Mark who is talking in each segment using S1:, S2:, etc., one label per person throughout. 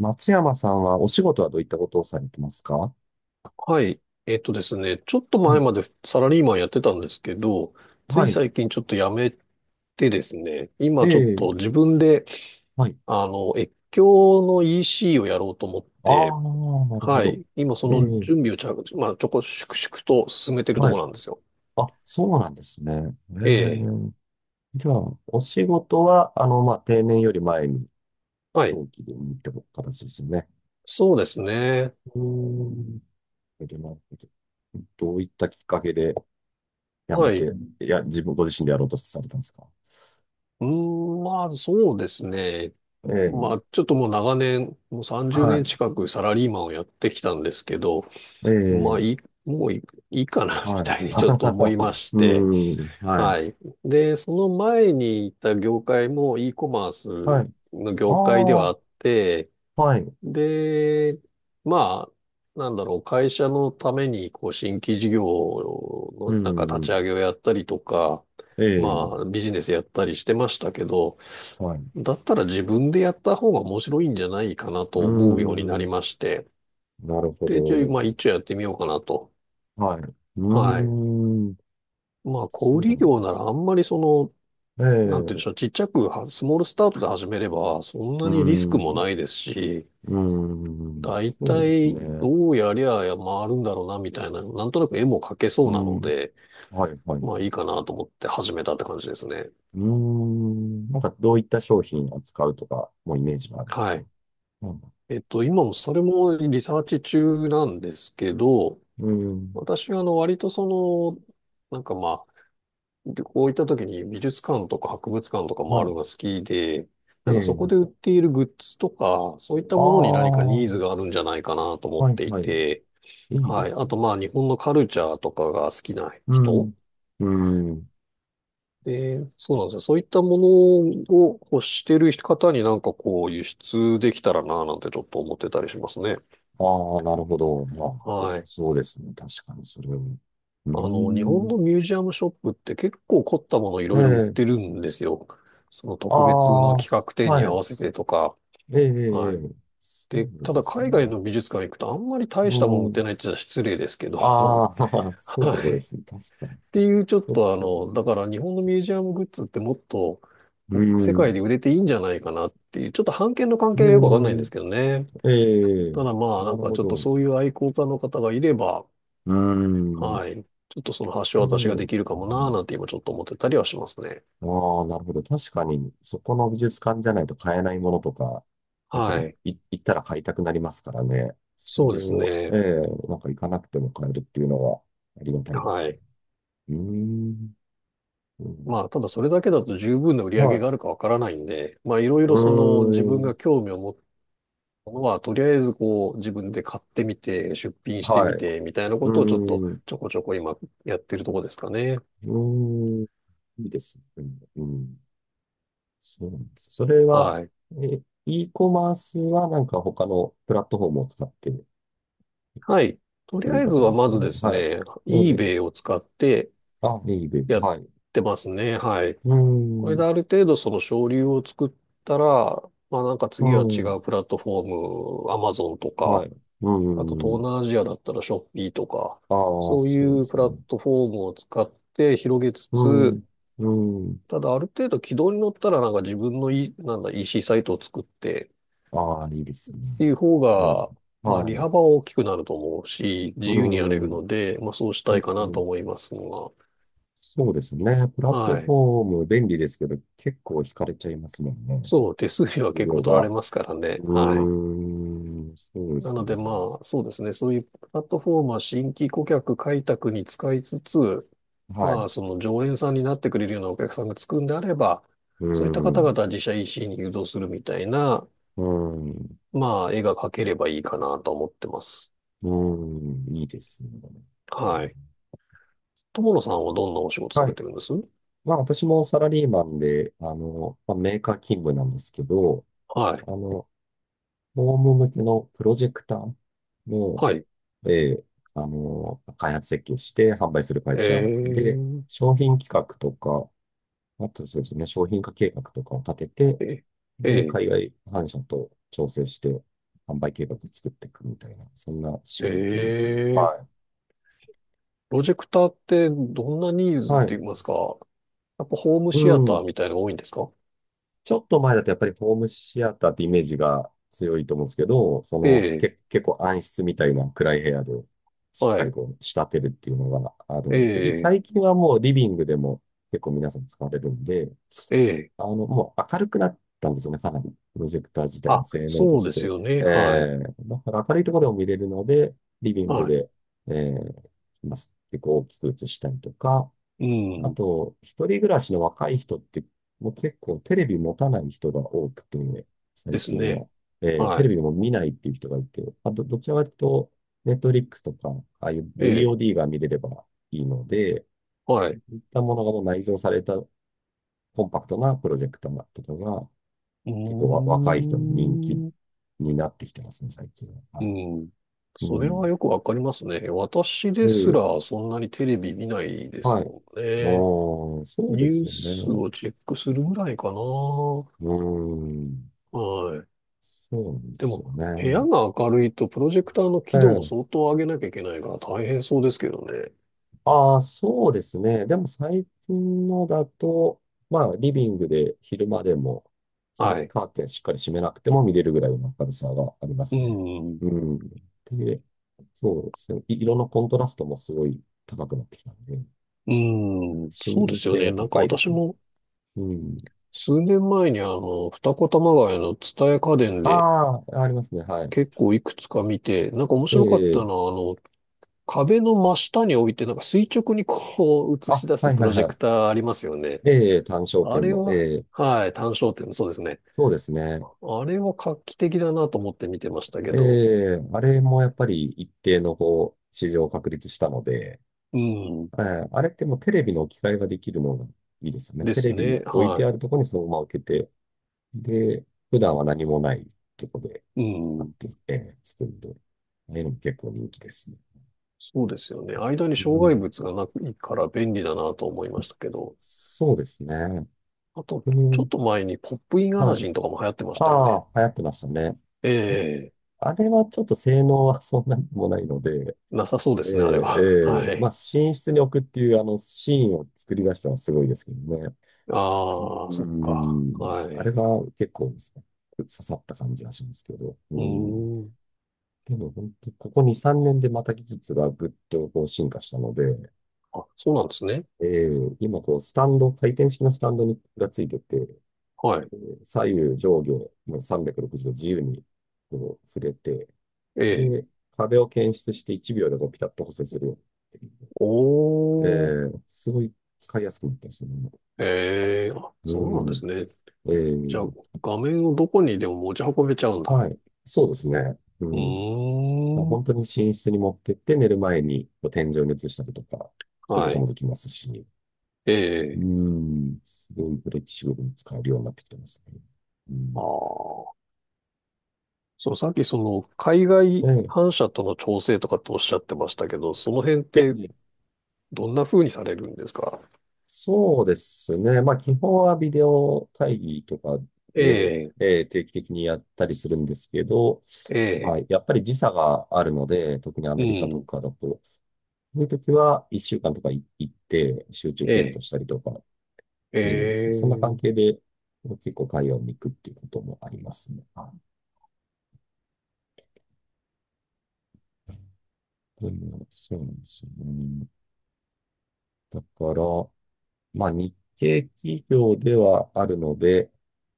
S1: 松山さんはお仕事はどういったことをされてますか？
S2: はい。えっとですね、ちょっと
S1: は
S2: 前
S1: い。
S2: までサラリーマンやってたんですけど、つ
S1: は
S2: い
S1: い。
S2: 最近ちょっと辞めてですね、
S1: え
S2: 今ちょっ
S1: え。
S2: と自分で、
S1: はい。
S2: 越境の EC をやろうと思っ
S1: あ
S2: て、
S1: あ、なるほ
S2: は
S1: ど。
S2: い。今そ
S1: え
S2: の
S1: え。
S2: 準備をちゃ、まあ、ちょこ、粛々と進めてると
S1: は
S2: こ
S1: い。
S2: ろなんですよ。
S1: あ、そうなんですね。え
S2: ええ。
S1: え。じゃあ、お仕事は、まあ、定年より前に
S2: はい。
S1: 早期でにって形ですよね。
S2: そうですね。
S1: うーん。なるほど。どういったきっかけで辞め
S2: はい。
S1: て、いや、自分ご自身でやろうとされたんですか？
S2: そうですね。
S1: え
S2: ま
S1: え。
S2: あ、ちょっともう長年、もう30年
S1: は
S2: 近くサラリーマンをやってきたんですけど、
S1: い。え
S2: まあ、いい、
S1: え。
S2: もういい、いいかな、み
S1: はい。
S2: たいにちょっと思いま し
S1: う
S2: て。
S1: ーん。はい。
S2: はい。で、その前に行った業界も e コマー
S1: は
S2: ス
S1: い。
S2: の
S1: あ
S2: 業界ではあ
S1: あ、
S2: って、
S1: はい。
S2: で、ま会社のために、こう、新規事業
S1: う
S2: の、なんか
S1: ん、
S2: 立
S1: う
S2: ち
S1: ん。
S2: 上げをやったりとか、
S1: え
S2: ま
S1: え、
S2: あ、ビジネスやったりしてましたけど、
S1: はい。
S2: だったら自分でやった方が面白いんじゃないかな
S1: うー
S2: と思うようになり
S1: ん、
S2: まして、
S1: なるほ
S2: で、ちょい、
S1: ど。
S2: まあ、一応やってみようかなと。
S1: はい。う
S2: はい。
S1: ーん、
S2: まあ、小
S1: そう
S2: 売
S1: なんで
S2: 業
S1: すね。
S2: ならあんまりその、
S1: ええ、
S2: なんて言う
S1: う
S2: んでしょう、ちっちゃくは、スモールスタートで始めれば、そん
S1: ー
S2: なにリスクも
S1: ん、
S2: ないですし、
S1: うーん、
S2: 大
S1: そうです
S2: 体
S1: ね。
S2: どうやりゃ回るんだろうな、みたいな、なんとなく絵も描けそう
S1: う
S2: なの
S1: ん、
S2: で、
S1: はい、はい。う
S2: まあいいかなと思って始めたって感じですね。
S1: ーん、なんかどういった商品を扱うとか、もうイメージがあるんです
S2: は
S1: か？
S2: い。
S1: うん、
S2: 今もそれもリサーチ中なんですけど、
S1: うーん、
S2: 私はあの割となんかまあ、旅行行った時に美術館とか博物館とか回
S1: は
S2: る
S1: い。
S2: のが好きで、
S1: え
S2: なんかそこ
S1: え、
S2: で売っているグッズとか、そういった
S1: あ
S2: ものに何か
S1: あ、
S2: ニ
S1: は
S2: ーズがあるんじゃないかなと思っ
S1: い、
S2: てい
S1: はい。
S2: て、
S1: いいで
S2: はい。
S1: す
S2: あ
S1: ね。
S2: とまあ日本のカルチャーとかが好きな
S1: う
S2: 人
S1: ん、うーん。
S2: で、そうなんですよ。そういったものを欲してる方になんかこう輸出できたらななんてちょっと思ってたりしますね。
S1: ああ、なるほど。まあ、良
S2: は
S1: さ
S2: い。
S1: そうですね。確かに、それは。うー
S2: あの、日本の
S1: ん。
S2: ミュージアムショップって結構凝ったものい
S1: え
S2: ろいろ売っ
S1: え、
S2: てるんですよ。その
S1: あ
S2: 特別
S1: あ、
S2: の企画展に
S1: は
S2: 合
S1: い。
S2: わせてとか、
S1: ええ、え
S2: は
S1: え、
S2: い。
S1: そ
S2: で、
S1: う
S2: た
S1: で
S2: だ
S1: す
S2: 海外
S1: ね。
S2: の美術館行くとあんまり大
S1: う
S2: したもん売って
S1: ん。
S2: ないって言ったら失礼ですけど、
S1: ああ、そ
S2: は
S1: う
S2: い。
S1: で
S2: っ
S1: すね。確かに。
S2: ていうちょっ
S1: そっ
S2: とあ
S1: か。
S2: の、だから日本のミュージアムグッズってもっと
S1: う
S2: 世界で
S1: ん。
S2: 売れていいんじゃないかなっていう、ちょっと版権の関
S1: う
S2: 係がよくわかんないんで
S1: ん。
S2: すけどね。
S1: ええ、
S2: ただまあ
S1: な
S2: なん
S1: る
S2: か
S1: ほ
S2: ちょっと
S1: ど。
S2: そういう愛好家の方がいれば、
S1: うん。
S2: はい。ちょっとその橋渡しが
S1: そう
S2: で
S1: で
S2: きる
S1: す
S2: かもなー
S1: ね。
S2: なんて今ちょっと思ってたりはしますね。
S1: ああ、なるほど。確かに、そこの美術館じゃないと買えないものとか、やっぱり
S2: はい。
S1: 行ったら買いたくなりますからね。そ
S2: そうで
S1: れ
S2: す
S1: を、
S2: ね。
S1: ええ、なんか行かなくても買えるっていうのはありがたいです
S2: は
S1: よ
S2: い。
S1: ね。うーん。うん、
S2: まあ、ただそれだけだと十分な売り上
S1: は
S2: げ
S1: い。
S2: があるかわからないんで、まあ、いろい
S1: う
S2: ろその自分
S1: ーん。
S2: が興味を持ったものは、とりあえずこう、自分で買ってみて、出品して
S1: は
S2: み
S1: い。
S2: て、みたいな
S1: う
S2: ことをちょっと
S1: ーん。
S2: ちょこちょこ今やってるとこですかね。
S1: うーん。いいですね。うん。そうなんです。それは、
S2: はい。
S1: え、e コマースはなんか他のプラットフォームを使ってっ
S2: はい。とり
S1: てい
S2: あ
S1: う
S2: えず
S1: 形
S2: は
S1: です
S2: ま
S1: か
S2: ず
S1: ね。
S2: です
S1: はい。
S2: ね、
S1: ええ、
S2: eBay を使って
S1: あ、いい、いい、いい、
S2: やっ
S1: はい。
S2: てますね。はい。
S1: う
S2: これで
S1: ん、
S2: ある程度その省流を作ったら、まあなんか
S1: う
S2: 次は違
S1: ん、
S2: うプラットフォーム、Amazon と
S1: は
S2: か、
S1: い、う
S2: あと東
S1: ん。
S2: 南アジアだったらショッピーとか、
S1: ああ、
S2: そう
S1: そ
S2: い
S1: うで
S2: うプ
S1: す
S2: ラ
S1: ね。
S2: ットフォームを使って広げつ
S1: うん、
S2: つ、
S1: うん。
S2: ただある程度軌道に乗ったらなんか自分のい、なんだ EC サイトを作って
S1: ああ、いいです
S2: っ
S1: ね。
S2: ていう方
S1: う
S2: が、
S1: ん、
S2: まあ
S1: はい、
S2: 利幅は大きくなると思うし、
S1: う
S2: 自由にやれる
S1: ん、
S2: ので、まあそうし
S1: う
S2: たいかなと
S1: ん。
S2: 思いますが、
S1: そうですね。プラット
S2: は
S1: フ
S2: い。
S1: ォーム便利ですけど、結構惹かれちゃいますもんね。
S2: そう、手数料は
S1: 数
S2: 結
S1: 量
S2: 構取られ
S1: が。
S2: ますから
S1: う
S2: ね。はい。
S1: ーん、そうで
S2: な
S1: す
S2: の
S1: ね。
S2: でまあそうですね、そういうプラットフォームは新規顧客開拓に使いつつ、
S1: は
S2: ま
S1: い。
S2: あ、その常連さんになってくれるようなお客さんがつくんであれば、
S1: う
S2: そういった方
S1: ん、
S2: 々は自社 EC に誘導するみたいな、
S1: うん、
S2: まあ、絵が描ければいいかなと思ってます。
S1: うん、いいですね。う
S2: はい。
S1: ん、
S2: 友野さんはどんなお仕事さ
S1: は
S2: れ
S1: い、
S2: てるんです？
S1: まあ私もサラリーマンで、あの、まあ、メーカー勤務なんですけど、
S2: はい。
S1: あの、ホーム向けのプロジェクターの、
S2: はい。
S1: えー開発設計して販売する会
S2: え
S1: 社で、
S2: ー、
S1: 商品企画とか、あとそうですね、商品化計画とかを立てて、
S2: え、
S1: で、
S2: え
S1: 海外販社と調整して、販売計画作っていくみたいな、そんな
S2: ー、
S1: 仕
S2: え
S1: 事ですね。
S2: ー、
S1: は
S2: プロジェクターってどんなニー
S1: い。
S2: ズっ
S1: はい。
S2: て言いますか？やっぱホーム
S1: う
S2: シアタ
S1: ん、
S2: ーみたいなのが多いんですか？
S1: ちょっと前だとやっぱりホームシアターってイメージが強いと思うんですけど、そ
S2: え
S1: の
S2: え、
S1: け、結構暗室みたいな暗い部屋でしっ
S2: は
S1: かり
S2: い。
S1: こう仕立てるっていうのがある
S2: え
S1: んですよ。
S2: え、
S1: 最近はもうリビングでも結構皆さん使われるんで、
S2: ええ。
S1: あの、もう明るくなったんですよね、かなり。プロジェクター自体
S2: あ、
S1: の性能と
S2: そう
S1: し
S2: です
S1: て。
S2: よね。はい。
S1: だから明るいところでも見れるので、リビング
S2: はい。
S1: で、えー、まあ結構大きく映したりとか、
S2: う
S1: あ
S2: ん。
S1: と、一人暮らしの若い人って、もう結構テレビ持たない人が多くて、
S2: で
S1: 最
S2: す
S1: 近
S2: ね。
S1: は。テ
S2: は
S1: レ
S2: い。
S1: ビも見ないっていう人がいて、あと、どちらかというと、ネットフリックスとか、ああいう
S2: ええ。
S1: VOD が見れればいいので、
S2: はい。
S1: そういったものがもう内蔵されたコンパクトなプロジェクターとかが、
S2: うー
S1: 結構若い人に人気
S2: ん。
S1: になってきてますね、最近は。
S2: う
S1: は
S2: ん。
S1: い。
S2: そ
S1: う
S2: れは
S1: ん。
S2: よくわかりますね。私です
S1: で、
S2: らそんなにテレビ見ないです
S1: はい。
S2: もん
S1: あ
S2: ね。
S1: ー、そう
S2: ニ
S1: で
S2: ュ
S1: す
S2: ー
S1: よね。
S2: スをチェックするぐらいかな。は
S1: うーん。
S2: い。
S1: そうなんで
S2: で
S1: すよ
S2: も、部屋
S1: ね。
S2: が明るいとプロジェクターの
S1: え
S2: 輝度も
S1: え。
S2: 相当上げなきゃいけないから大変そうですけどね。
S1: ああ、そうですね。でも最近のだと、まあ、リビングで昼間でも、そ
S2: は
S1: の
S2: い。
S1: カーテンしっかり閉めなくても見れるぐらいの明るさがありま
S2: う
S1: すね。
S2: ん。
S1: うん。で、そうですね。色のコントラストもすごい高くなってきたんで、
S2: うん。
S1: 視
S2: そうで
S1: 認
S2: すよ
S1: 性
S2: ね。
S1: は
S2: なんか
S1: 高いで
S2: 私
S1: すね。
S2: も
S1: うん。
S2: 数年前にあの、二子玉川の蔦屋家電で、
S1: ああ、ありますね。はい。
S2: 結構いくつか見て、なんか面白かった
S1: え
S2: の
S1: え、
S2: は、あの、壁の真下に置いて、なんか垂直にこう
S1: あ、
S2: 映し出す
S1: はい
S2: プ
S1: は
S2: ロ
S1: い
S2: ジェ
S1: はい。
S2: クターありますよね。
S1: ええ、単焦
S2: あ
S1: 点
S2: れ
S1: の。
S2: は、
S1: ええ、
S2: はい、単焦点、そうですね。
S1: そうですね。
S2: あれは画期的だなと思って見てましたけ
S1: え
S2: ど。
S1: え、あれもやっぱり一定のこう、市場を確立したので、
S2: うん。
S1: ええ、あれってもうテレビの置き換えができるのがいいですよね。
S2: で
S1: テ
S2: す
S1: レ
S2: ね。
S1: ビ置い
S2: は
S1: てあるところにそのまま置けて、で、普段は何もないところで
S2: い。う
S1: 買っ
S2: ん。
S1: てきて、作るんで、ああいうのも結構人気ですね。
S2: そうですよね。間に
S1: う
S2: 障害
S1: ん、
S2: 物がないから便利だなと思いましたけど。
S1: そうですね。
S2: あと、
S1: う
S2: ちょっ
S1: ん、
S2: と前にポップインアラ
S1: はい。
S2: ジンとかも流行ってましたよ
S1: あ
S2: ね。
S1: あ、流行ってましたね。
S2: ええ、
S1: あれはちょっと性能はそんなにもないので、
S2: なさそうで
S1: ええ、え
S2: すね、あれは。は
S1: え、まあ、
S2: い。
S1: 寝室に置くっていう、あの、シーンを作り出したのはすごいですけどね。
S2: ああ、
S1: う
S2: そっか。
S1: ん。
S2: は
S1: あれ
S2: い。
S1: は結構ですね、刺さった感じがしますけど。う
S2: う
S1: ん。
S2: ーん。
S1: でも、本当ここ2、3年でまた技術がぐっとこう進化したので、
S2: あ、そうなんですね。
S1: ええ、今、こう、スタンド、回転式のスタンドにがついてて、
S2: はい。
S1: 左右、上下、もう360度自由にこう触れて、
S2: ええ。
S1: で、壁を検出して1秒でこうピタッと補正するようになってる。
S2: おー。
S1: すごい使いやすくなったりすね。
S2: ええ。あ、
S1: う
S2: そうなんで
S1: ん。
S2: すね。
S1: え
S2: じ
S1: ー、
S2: ゃあ、画面をどこにでも持ち運べちゃうんだ。
S1: はい。そうですね。う
S2: う
S1: ん。まあ、
S2: ーん。
S1: 本当に寝室に持ってって寝る前にこう天井に移したりとか、そういうこ
S2: は
S1: とも
S2: い。
S1: できますし、
S2: え
S1: う
S2: え。
S1: ん。すごいフレキシブルに使えるようになってきてますね。う
S2: あ
S1: ん。
S2: あ。そう、さっきその、海外
S1: え
S2: 反射との調整とかっておっしゃってましたけど、その辺って
S1: で、
S2: どんな風にされるんですか？
S1: そうですね。まあ、基本はビデオ会議とか
S2: え
S1: で、
S2: え。
S1: 定期的にやったりするんですけど、
S2: え
S1: まあ、
S2: え。
S1: やっぱり時差があるので、特にア
S2: う
S1: メリカと
S2: ん。
S1: かだと、そういう時は、一週間とか行って、集中
S2: え
S1: 検
S2: え。
S1: 討したりとか、
S2: え
S1: そんな関係
S2: え。
S1: で、結構海外に行くっていうこともありますね。はい。というそうなんですよね。だから、まあ、日系企業ではあるので、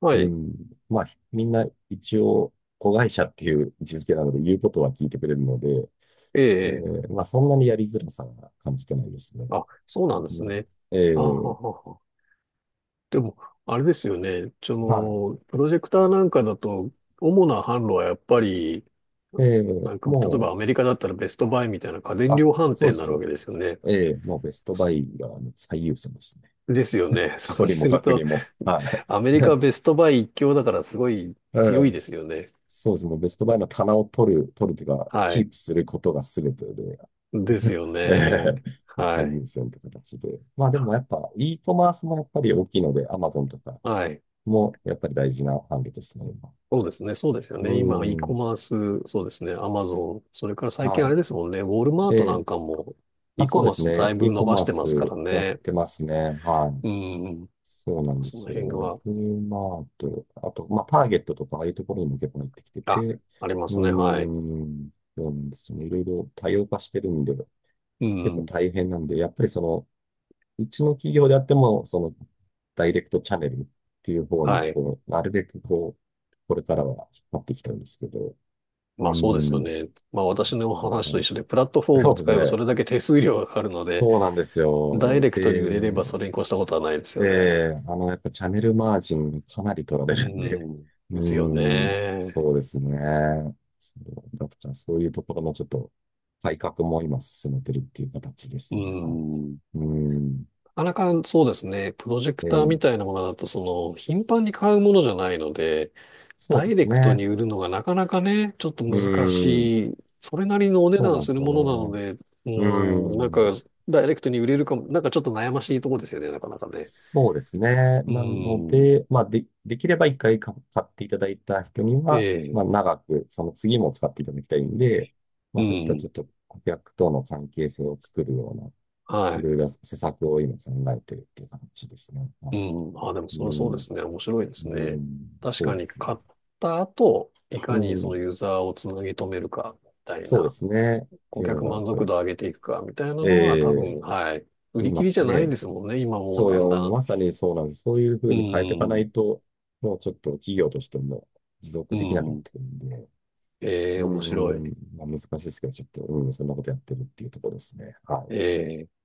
S2: は
S1: う
S2: い。
S1: ん、まあ、みんな一応、子会社っていう位置づけなので、言うことは聞いてくれるので、
S2: ええ。
S1: まあ、そんなにやりづらさは感じてないですね。
S2: あ、そうなんで
S1: う
S2: す
S1: ん、
S2: ね。
S1: え
S2: あは
S1: ー
S2: はは。でも、あれですよね。そ
S1: は
S2: の、プロジェクターなんかだと、主な販路はやっぱり、
S1: い。
S2: なんか、例え
S1: も
S2: ば
S1: う、
S2: アメリカだったらベストバイみたいな家電
S1: あ、
S2: 量販
S1: そう
S2: 店
S1: で
S2: になるわ
S1: す。
S2: けですよね。
S1: ええ、もうベストバイがあの最優先ですね。
S2: ですよね。そう
S1: 取りも
S2: する
S1: 隔離
S2: と、
S1: も。は
S2: アメリカは
S1: い。
S2: ベストバイ一強だからすごい
S1: う
S2: 強いで
S1: ん、
S2: すよね。
S1: そうですね。ベストバイの棚を取るというか、
S2: は
S1: キー
S2: い。
S1: プすることが全てで、
S2: ですよ
S1: ええ、
S2: ね。は
S1: 最
S2: い。
S1: 優先という形で。まあでもやっぱ、e コマースもやっぱり大きいので、Amazon とか
S2: はい。
S1: もやっぱり大事な販路ですね、今。
S2: そうですね。そうですよ
S1: う
S2: ね。今、e コ
S1: ん。
S2: マース、そうですね。アマゾン。それから最近あ
S1: は
S2: れですもんね。ウォールマー
S1: い。え
S2: トな
S1: え。
S2: んかも
S1: あ、
S2: e コ
S1: そうで
S2: マー
S1: す
S2: スだ
S1: ね。
S2: いぶ
S1: e
S2: 伸
S1: コ
S2: ば
S1: マ
S2: し
S1: ー
S2: てま
S1: ス
S2: すから
S1: やっ
S2: ね。
S1: てますね。はい。
S2: うん。
S1: そうなんで
S2: その
S1: すよ
S2: 辺
S1: ね。
S2: は、
S1: フリーマート、あと、まあ、ターゲットとか、ああいうところにも結構入ってきて
S2: あ、
S1: て、
S2: ありま
S1: う
S2: すね。はい。
S1: ーん、そうなんですよね。いろいろ多様化してるんで、
S2: う
S1: 結構
S2: ん。
S1: 大変なんで、やっぱりその、うちの企業であっても、その、ダイレクトチャンネルっていう方に、
S2: はい。
S1: こう、なるべくこう、これからは引っ張ってきたんですけど、うー
S2: まあそうですよ
S1: ん、
S2: ね。まあ私のお
S1: あ
S2: 話と一
S1: の、
S2: 緒で、プラットフォー
S1: そ
S2: ム
S1: うです
S2: 使えばそ
S1: ね。
S2: れだけ手数料がかかるので、
S1: そうなんです
S2: ダイ
S1: よ。
S2: レクトに売れれ
S1: で、
S2: ばそれに越したことはないです
S1: え
S2: よね。
S1: え、あの、やっぱチャンネルマージンかなり取ら
S2: う
S1: れるんで、
S2: ん。
S1: う
S2: ですよ
S1: ーん、
S2: ね。
S1: そうですね。そうだからそういうところのちょっと改革も今進めてるっていう形で
S2: う
S1: すね。は
S2: ん。
S1: い、うーん、
S2: なかなかそうですね、プロジェク
S1: え
S2: ターみ
S1: え、
S2: たいなものだと、その、頻繁に買うものじゃないので、
S1: そう
S2: ダ
S1: で
S2: イレ
S1: す
S2: クト
S1: ね。
S2: に売るのがなかなかね、ちょっと
S1: う
S2: 難
S1: ーん、
S2: しい、それなりのお値
S1: そう
S2: 段
S1: なんで
S2: す
S1: す
S2: る
S1: よ
S2: ものなの
S1: ね。
S2: で、う
S1: うー
S2: ん、なんか、
S1: ん。
S2: ダイレクトに売れるかも、なんかちょっと悩ましいところですよね、なかなかね。
S1: そうですね。
S2: う
S1: なの
S2: ん、
S1: で、まあ、で、できれば一回か買っていただいた人に
S2: え
S1: は、ま
S2: え、
S1: あ、長く、その次も使っていただきたいんで、ま
S2: う
S1: あ、そういったち
S2: ん、
S1: ょっと顧客との関係性を作るような、い
S2: は
S1: ろいろ施策を今考えてるっていう感じですね。は
S2: い、
S1: い、
S2: うん、あ、でもそれ
S1: う
S2: はそうで
S1: ん、
S2: すね、面白いです
S1: う
S2: ね。
S1: ん、
S2: 確
S1: そ
S2: か
S1: うで
S2: に
S1: すね。
S2: 買った後、い
S1: う
S2: かにその
S1: ん、
S2: ユーザーをつなぎ止めるか、みたい
S1: そうで
S2: な。
S1: すね。って
S2: 顧
S1: いうの
S2: 客
S1: が、やっ
S2: 満
S1: ぱ
S2: 足
S1: り、
S2: 度を上げていくか、みたいな
S1: え
S2: のが多
S1: え、
S2: 分、はい。売り切
S1: 今
S2: りじゃない
S1: ね、
S2: ですもんね。今もう
S1: そう
S2: だん
S1: よ、
S2: だん。
S1: まさにそうなんです。そういうふう
S2: う
S1: に変えていかな
S2: ん、
S1: いと、もうちょっと企業としても持続
S2: う
S1: できなくなっ
S2: ん。
S1: てくるんで、
S2: え
S1: う
S2: え、
S1: ー
S2: 面白
S1: ん、
S2: い。
S1: まあ、難しいですけど、ちょっと、うん、そんなことやってるっていうところですね。はい。
S2: ええ